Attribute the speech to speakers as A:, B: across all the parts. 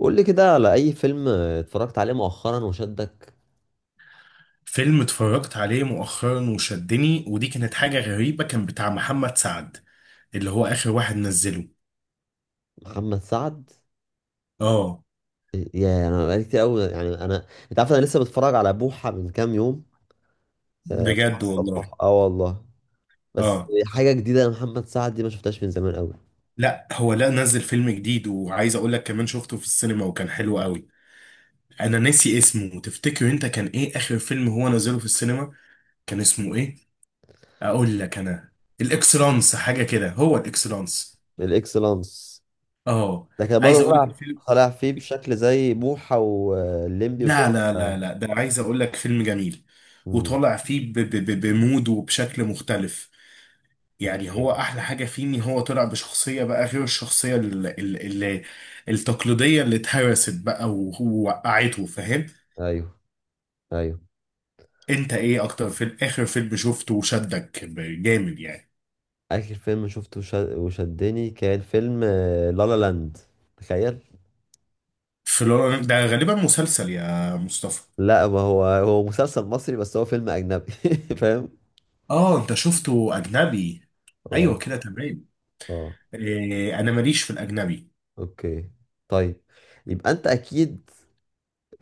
A: قول لي كده على اي فيلم اتفرجت عليه مؤخرا وشدك؟
B: فيلم اتفرجت عليه مؤخرا وشدني، ودي كانت حاجة غريبة، كان بتاع محمد سعد اللي هو آخر واحد نزله.
A: محمد سعد.
B: اه،
A: يا انا بقالي كتير قوي، يعني انت عارف انا لسه بتفرج على بوحة من كام يوم. آه، بوحة
B: بجد والله.
A: الصباح، اه والله. بس
B: اه،
A: حاجة جديدة لمحمد سعد دي ما شفتهاش من زمان قوي.
B: لا هو لا نزل فيلم جديد، وعايز اقول لك كمان شفته في السينما وكان حلو قوي. انا ناسي اسمه، تفتكر انت كان ايه آخر فيلم هو نزله في السينما؟ كان اسمه ايه؟ اقول لك انا، الاكسلانس حاجة كده، هو الاكسلانس.
A: الاكسلانس؟
B: اه،
A: ده كان
B: عايز
A: برضه
B: اقول لك
A: طالع،
B: الفيلم،
A: طالع فيه بشكل زي بوحة والليمبي
B: لا
A: وكده.
B: لا لا لا، ده عايز اقول لك فيلم جميل،
A: امم.
B: وطالع فيه ب ب ب بمود وبشكل مختلف. يعني
A: اوكي.
B: هو احلى حاجه فيه ان هو طلع بشخصيه بقى غير الشخصيه ال ال ال التقليديه اللي اتهرست بقى ووقعته، فاهم؟
A: ايوه، ايوه.
B: انت ايه اكتر في اخر فيلم شفته وشدك جامد يعني؟
A: اخر فيلم شفته وشدني كان فيلم لالا لاند، تخيل.
B: في ده غالبا مسلسل يا مصطفى.
A: لا، ما هو هو مسلسل مصري بس هو فيلم اجنبي، فاهم؟
B: اه، انت شفته اجنبي؟ ايوه
A: اه.
B: كده تمام.
A: اه.
B: إيه، انا ماليش في الاجنبي.
A: اوكي. طيب. يبقى انت اكيد…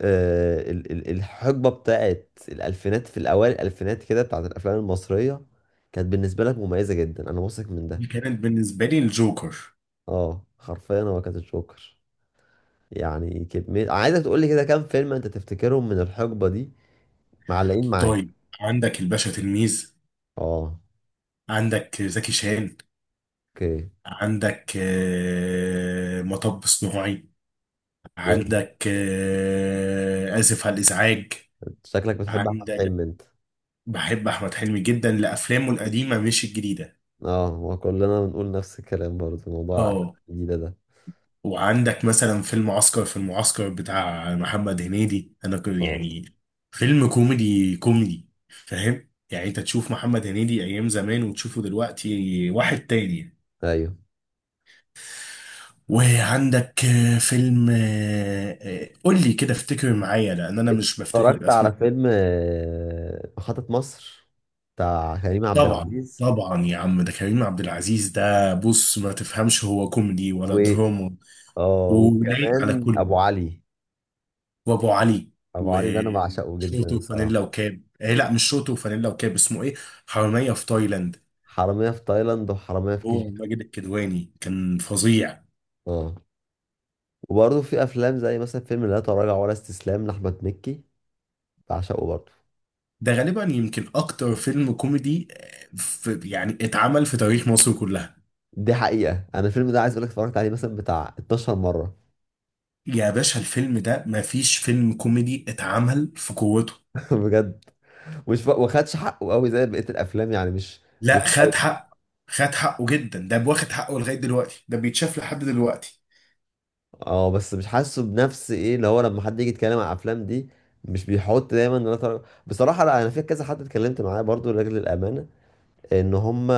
A: الحقبه بتاعت الالفينات، في الاوائل الالفينات كده، بتاعت الافلام المصريه كانت بالنسبه لك مميزه جدا، انا واثق من
B: دي
A: ده.
B: كانت بالنسبه لي الجوكر.
A: اه، حرفيا هو كانت الجوكر. يعني كميه، عايزك تقول لي كده كام فيلم انت تفتكرهم من الحقبه دي معلقين معاك؟
B: طيب، عندك الباشا تلميذ،
A: اه.
B: عندك زكي شان،
A: اوكي.
B: عندك مطب صناعي،
A: يعني
B: عندك آسف على الإزعاج.
A: شكلك بتحب احمد
B: عندك،
A: حلمي انت.
B: بحب أحمد حلمي جدا لأفلامه القديمة مش الجديدة.
A: اه، هو كلنا بنقول نفس الكلام برضه، موضوع الافلام
B: اه،
A: الجديده ده.
B: وعندك مثلا فيلم عسكر في المعسكر بتاع محمد هنيدي، أنا
A: اه،
B: يعني فيلم كوميدي فاهم؟ يعني أنت تشوف محمد هنيدي أيام زمان وتشوفه دلوقتي واحد تاني.
A: ايوه،
B: وعندك فيلم قول لي كده افتكر معايا لان انا مش بفتكر
A: اتفرجت على
B: الاسماء.
A: فيلم محطة مصر بتاع كريم عبد
B: طبعا
A: العزيز.
B: طبعا يا عم، ده كريم عبد العزيز، ده بص ما تفهمش هو كوميدي ولا
A: و
B: دراما،
A: اه
B: ولايق على
A: وكمان
B: كله.
A: ابو علي.
B: وابو علي.
A: ابو علي ده انا بعشقه
B: وشورت
A: جدا
B: وفانيلا
A: الصراحه.
B: وكاب، آه لا، مش شورت وفانيلا وكاب، اسمه ايه؟ حرامية في تايلاند.
A: حرامية في تايلاند وحرامية في
B: هو
A: كيجي.
B: ماجد الكدواني كان فظيع.
A: اه، وبرضه في افلام زي مثلا فيلم لا تراجع ولا استسلام لاحمد مكي، بعشقه برضه.
B: ده غالبا يمكن اكتر فيلم كوميدي في يعني اتعمل في تاريخ مصر كلها.
A: دي حقيقة، انا الفيلم ده عايز اقول لك اتفرجت عليه مثلا بتاع 12 مرة.
B: يا باشا، الفيلم ده مفيش فيلم كوميدي اتعمل في قوته.
A: بجد، مش واخدش حقه قوي زي بقية الافلام، يعني مش…
B: لا،
A: مش…
B: خد حق، خد حقه جدا، ده واخد حقه لغاية دلوقتي، ده بيتشاف لحد دلوقتي.
A: اه بس مش حاسه بنفس ايه اللي هو، لما حد يجي يتكلم عن الافلام دي مش بيحط دايما إن أنا طالع-… بصراحة لا، انا في كذا حد اتكلمت معاه برضو لاجل الامانة ان هم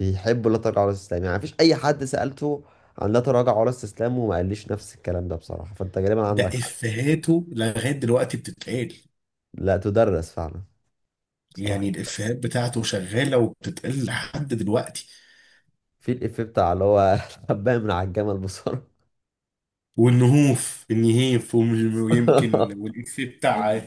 A: بيحبوا لا تراجع ولا استسلام، يعني مفيش اي حد سألته عن لا تراجع ولا استسلام وما قاليش نفس الكلام ده، بصراحة فانت غالبا
B: ده
A: عندك حق.
B: إفيهاته لغاية دلوقتي بتتقال.
A: لا، تدرس فعلا، بصراحة.
B: يعني الإفيهات بتاعته شغالة وبتتقال لحد دلوقتي.
A: في الإفيه بتاع اللي هو حباية من على الجمل، بصراحة.
B: والنهوف النهيف ويمكن، والإفيه بتاع،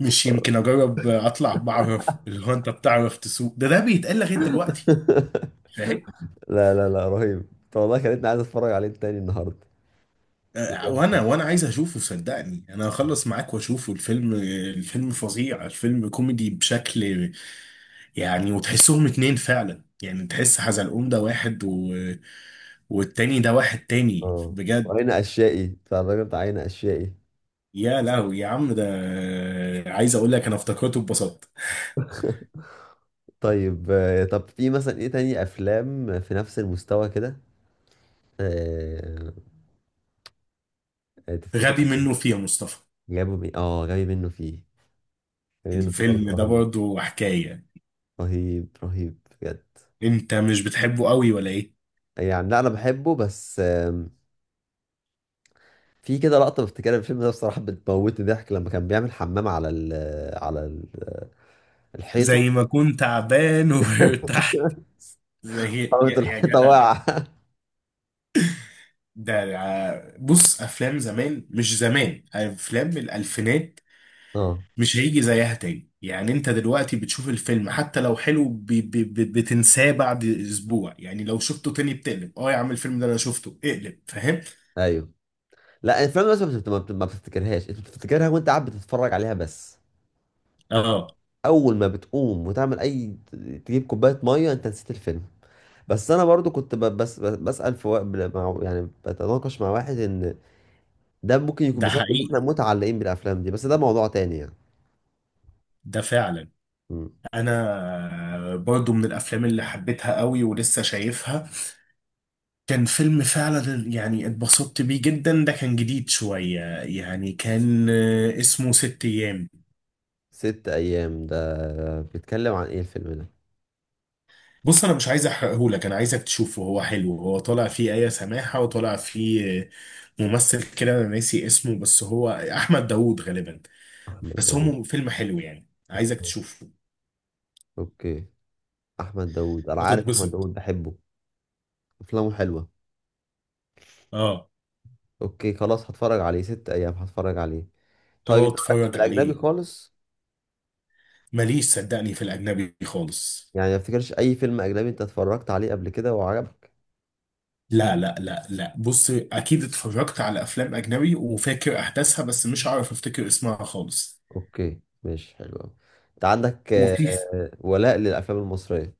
B: مش يمكن أجرب أطلع، بعرف اللي هو أنت بتعرف تسوق، ده ده بيتقال لغاية دلوقتي، فاهم؟
A: لا، لا، لا، رهيب. طب والله خلتني عايز اتفرج عليه تاني النهارده.
B: وانا
A: بجد.
B: وانا عايز اشوفه، صدقني انا هخلص معاك واشوفه الفيلم. الفيلم فظيع، الفيلم كوميدي بشكل، يعني وتحسهم اتنين فعلا، يعني تحس حزلقوم ده واحد و... والتاني ده واحد تاني
A: اه،
B: بجد.
A: وعين اشيائي بتاع الراجل بتاع عين اشيائي.
B: يا لهوي يا عم ده، عايز اقول لك انا افتكرته ببساطة.
A: طيب، طب في مثلا ايه تاني افلام في نفس المستوى كده؟ آه، تفتكر؟
B: غبي منه فيه يا مصطفى.
A: جابوا مين، جاي منه فيه؟ جاي منه فيه برضه
B: الفيلم ده
A: رهيب،
B: برضه حكاية،
A: رهيب، رهيب، بجد.
B: انت مش بتحبه قوي ولا ايه؟
A: يعني لا انا بحبه، بس في كده لقطه بفتكرها في الفيلم ده بصراحه بتموتني ضحك، لما كان بيعمل حمام على ال، على الحيطه.
B: زي ما كنت تعبان وارتحت، زي
A: قامت
B: يا
A: الحيطه
B: جدع.
A: واقعه.
B: بص، افلام زمان، مش زمان، افلام الالفينات،
A: اه،
B: مش هيجي زيها تاني. يعني انت دلوقتي بتشوف الفيلم حتى لو حلو بي بي بي بتنساه بعد اسبوع، يعني لو شفته تاني بتقلب، اه يا عم الفيلم ده انا شفته، اقلب، فاهم؟
A: ايوه. لا الافلام بس ما بتفتكرهاش، انت بتفتكرها وانت قاعد بتتفرج عليها بس،
B: اه،
A: اول ما بتقوم وتعمل اي، تجيب كوبايه ميه انت نسيت الفيلم. بس انا برضو كنت بسال في مع، يعني بتناقش مع واحد ان ده ممكن يكون
B: ده
A: بسبب ان
B: حقيقي،
A: احنا متعلقين بالافلام دي، بس ده موضوع تاني يعني.
B: ده فعلا.
A: مم.
B: انا برضو من الافلام اللي حبيتها قوي ولسه شايفها، كان فيلم فعلا يعني اتبسطت بيه جدا، ده كان جديد شوية يعني، كان اسمه ست ايام.
A: ست ايام ده بيتكلم عن ايه الفيلم ده؟
B: بص، انا مش عايز احرقهولك، انا عايزك تشوفه، هو حلو، هو طالع فيه آية سماحة، وطالع فيه ممثل كده انا ناسي اسمه، بس هو احمد داوود غالبا.
A: احمد
B: بس هو
A: داوود؟
B: فيلم حلو يعني، عايزك تشوفه.
A: اوكي. احمد داوود انا عارف، احمد
B: هتتبسط.
A: داوود بحبه، افلامه حلوه.
B: اه.
A: اوكي خلاص، هتفرج عليه ست ايام، هتفرج عليه. طيب
B: اه
A: انت مالكش في
B: اتفرج
A: الاجنبي
B: عليه.
A: خالص؟
B: ماليش صدقني في الاجنبي خالص.
A: يعني ما افتكرش اي فيلم اجنبي انت اتفرجت عليه قبل كده وعجبك؟
B: لا لا لا لا، بص، اكيد اتفرجت على افلام اجنبي وفاكر احداثها، بس مش عارف افتكر اسمها خالص.
A: اوكي، ماشي، حلو قوي. انت عندك
B: وفي،
A: ولاء للافلام المصريه.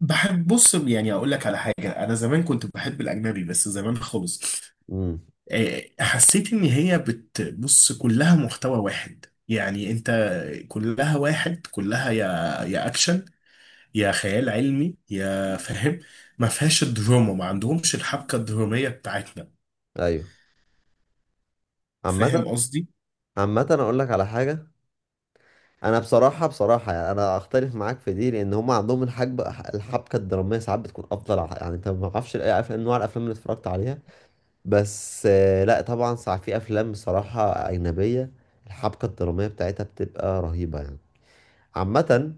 B: بحب، بص يعني اقول لك على حاجه، انا زمان كنت بحب الاجنبي، بس زمان خالص.
A: امم.
B: حسيت ان هي بتبص كلها محتوى واحد، يعني انت، كلها واحد، كلها يا اكشن، يا خيال علمي، يا فاهم. ما فيهاش الدراما، ما عندهمش الحبكة الدرامية بتاعتنا.
A: ايوه. عامه…
B: فاهم قصدي؟
A: عامه انا اقول لك على حاجه. انا بصراحه بصراحه يعني انا اختلف معاك في دي، لان هم عندهم الحبكه، الحبكه الدراميه ساعات بتكون افضل، يعني انت ما اعرفش اي افلام، نوع الافلام اللي اتفرجت عليها. بس لا طبعا ساعات في افلام بصراحه اجنبيه الحبكه الدراميه بتاعتها بتبقى رهيبه يعني. عامة،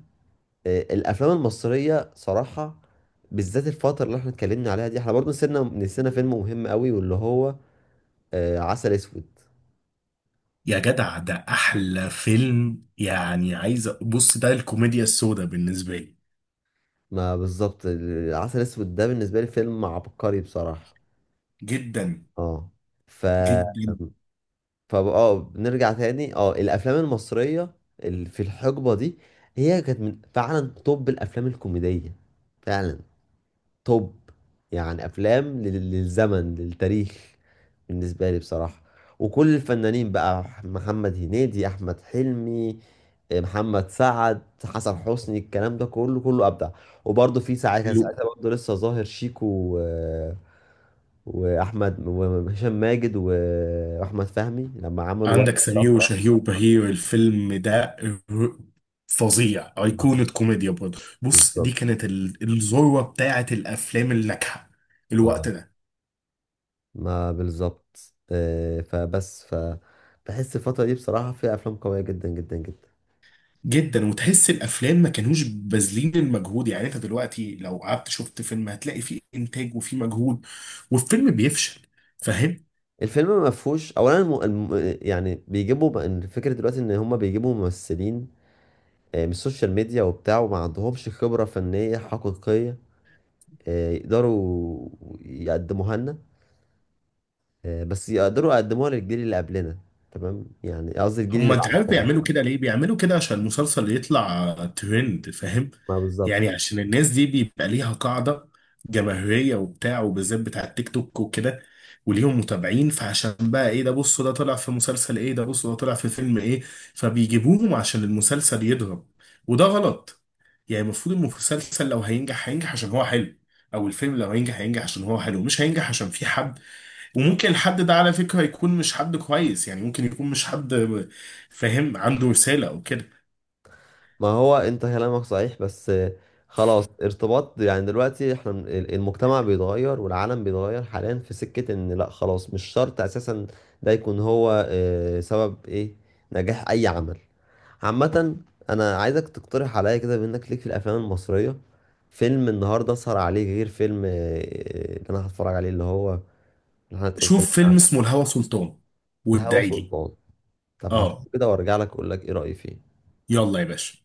A: الافلام المصريه صراحه، بالذات الفتره اللي احنا اتكلمنا عليها دي، احنا برضو نسينا فيلم مهم قوي واللي هو عسل اسود.
B: يا جدع، ده احلى فيلم يعني، عايز بص، ده الكوميديا السوداء بالنسبة لي.
A: ما بالظبط، عسل اسود ده بالنسبه لي فيلم عبقري بصراحه.
B: جدا.
A: اه. ف
B: جدا.
A: ف اه بنرجع تاني، اه، الافلام المصريه اللي في الحقبه دي هي كانت من فعلا، طب الافلام الكوميديه فعلا توب، يعني افلام للزمن، للتاريخ، بالنسبه لي بصراحه. وكل الفنانين بقى، محمد هنيدي، احمد حلمي، محمد سعد، حسن حسني، الكلام ده كله كله ابدع. وبرضه في ساعه كان ساعتها برضه لسه ظاهر شيكو و… واحمد وهشام ماجد واحمد فهمي لما عملوا
B: عندك
A: ورقه
B: سمير
A: شفره.
B: وشهير وبهير، الفيلم ده فظيع، أيقونة كوميديا برضه. بص، دي
A: بالظبط.
B: كانت الذروة بتاعة الأفلام الناجحة الوقت
A: اه،
B: ده.
A: ما بالظبط، فبس بحس الفترة دي بصراحة فيها أفلام قوية جدا جدا جدا.
B: جدا، وتحس الأفلام ما كانوش باذلين المجهود، يعني أنت دلوقتي لو قعدت شفت فيلم هتلاقي فيه إنتاج وفيه مجهود والفيلم بيفشل.
A: الفيلم ما فيهوش اولا يعني إن الفكره دلوقتي ان هم بيجيبوا ممثلين من السوشيال ميديا وبتاع، وما عندهمش خبره فنيه حقيقيه يقدروا يقدموها لنا، بس يقدروا يقدموها للجيل اللي قبلنا، تمام، يعني قصدي الجيل اللي
B: هما انت عارف
A: بعدنا،
B: بيعملوا
A: اسف.
B: كده ليه؟ بيعملوا كده عشان المسلسل يطلع ترند، فاهم؟
A: ما بالظبط.
B: يعني عشان الناس دي بيبقى ليها قاعدة جماهيرية وبتاع، وبالذات بتاع التيك توك وكده، وليهم متابعين، فعشان بقى ايه ده، بصوا ده طلع في مسلسل، ايه ده، بصوا ده طلع في فيلم ايه، فبيجيبوهم عشان المسلسل يضرب. وده غلط. يعني المفروض المسلسل لو هينجح هينجح عشان هو حلو، او الفيلم لو هينجح هينجح عشان هو حلو، مش هينجح عشان في حد. وممكن الحد ده على فكرة يكون مش حد كويس، يعني ممكن يكون مش حد فاهم، عنده رسالة او كده.
A: ما هو انت كلامك صحيح، بس خلاص ارتباط يعني دلوقتي احنا المجتمع بيتغير والعالم بيتغير، حاليا في سكة ان لا خلاص مش شرط اساسا ده يكون هو سبب ايه نجاح اي عمل. عامة، انا عايزك تقترح عليا كده، بانك ليك في الافلام المصرية، فيلم النهاردة اسهر عليه، غير فيلم اللي انا هتفرج عليه، اللي هو، اللي احنا اتكلمنا
B: شوف فيلم
A: عنه.
B: اسمه الهوى سلطان،
A: الهوى
B: وادعي لي.
A: سلطان؟ طب هشوفه
B: اه.
A: كده وارجع لك اقول لك ايه رأيي فيه.
B: يلا يا باشا.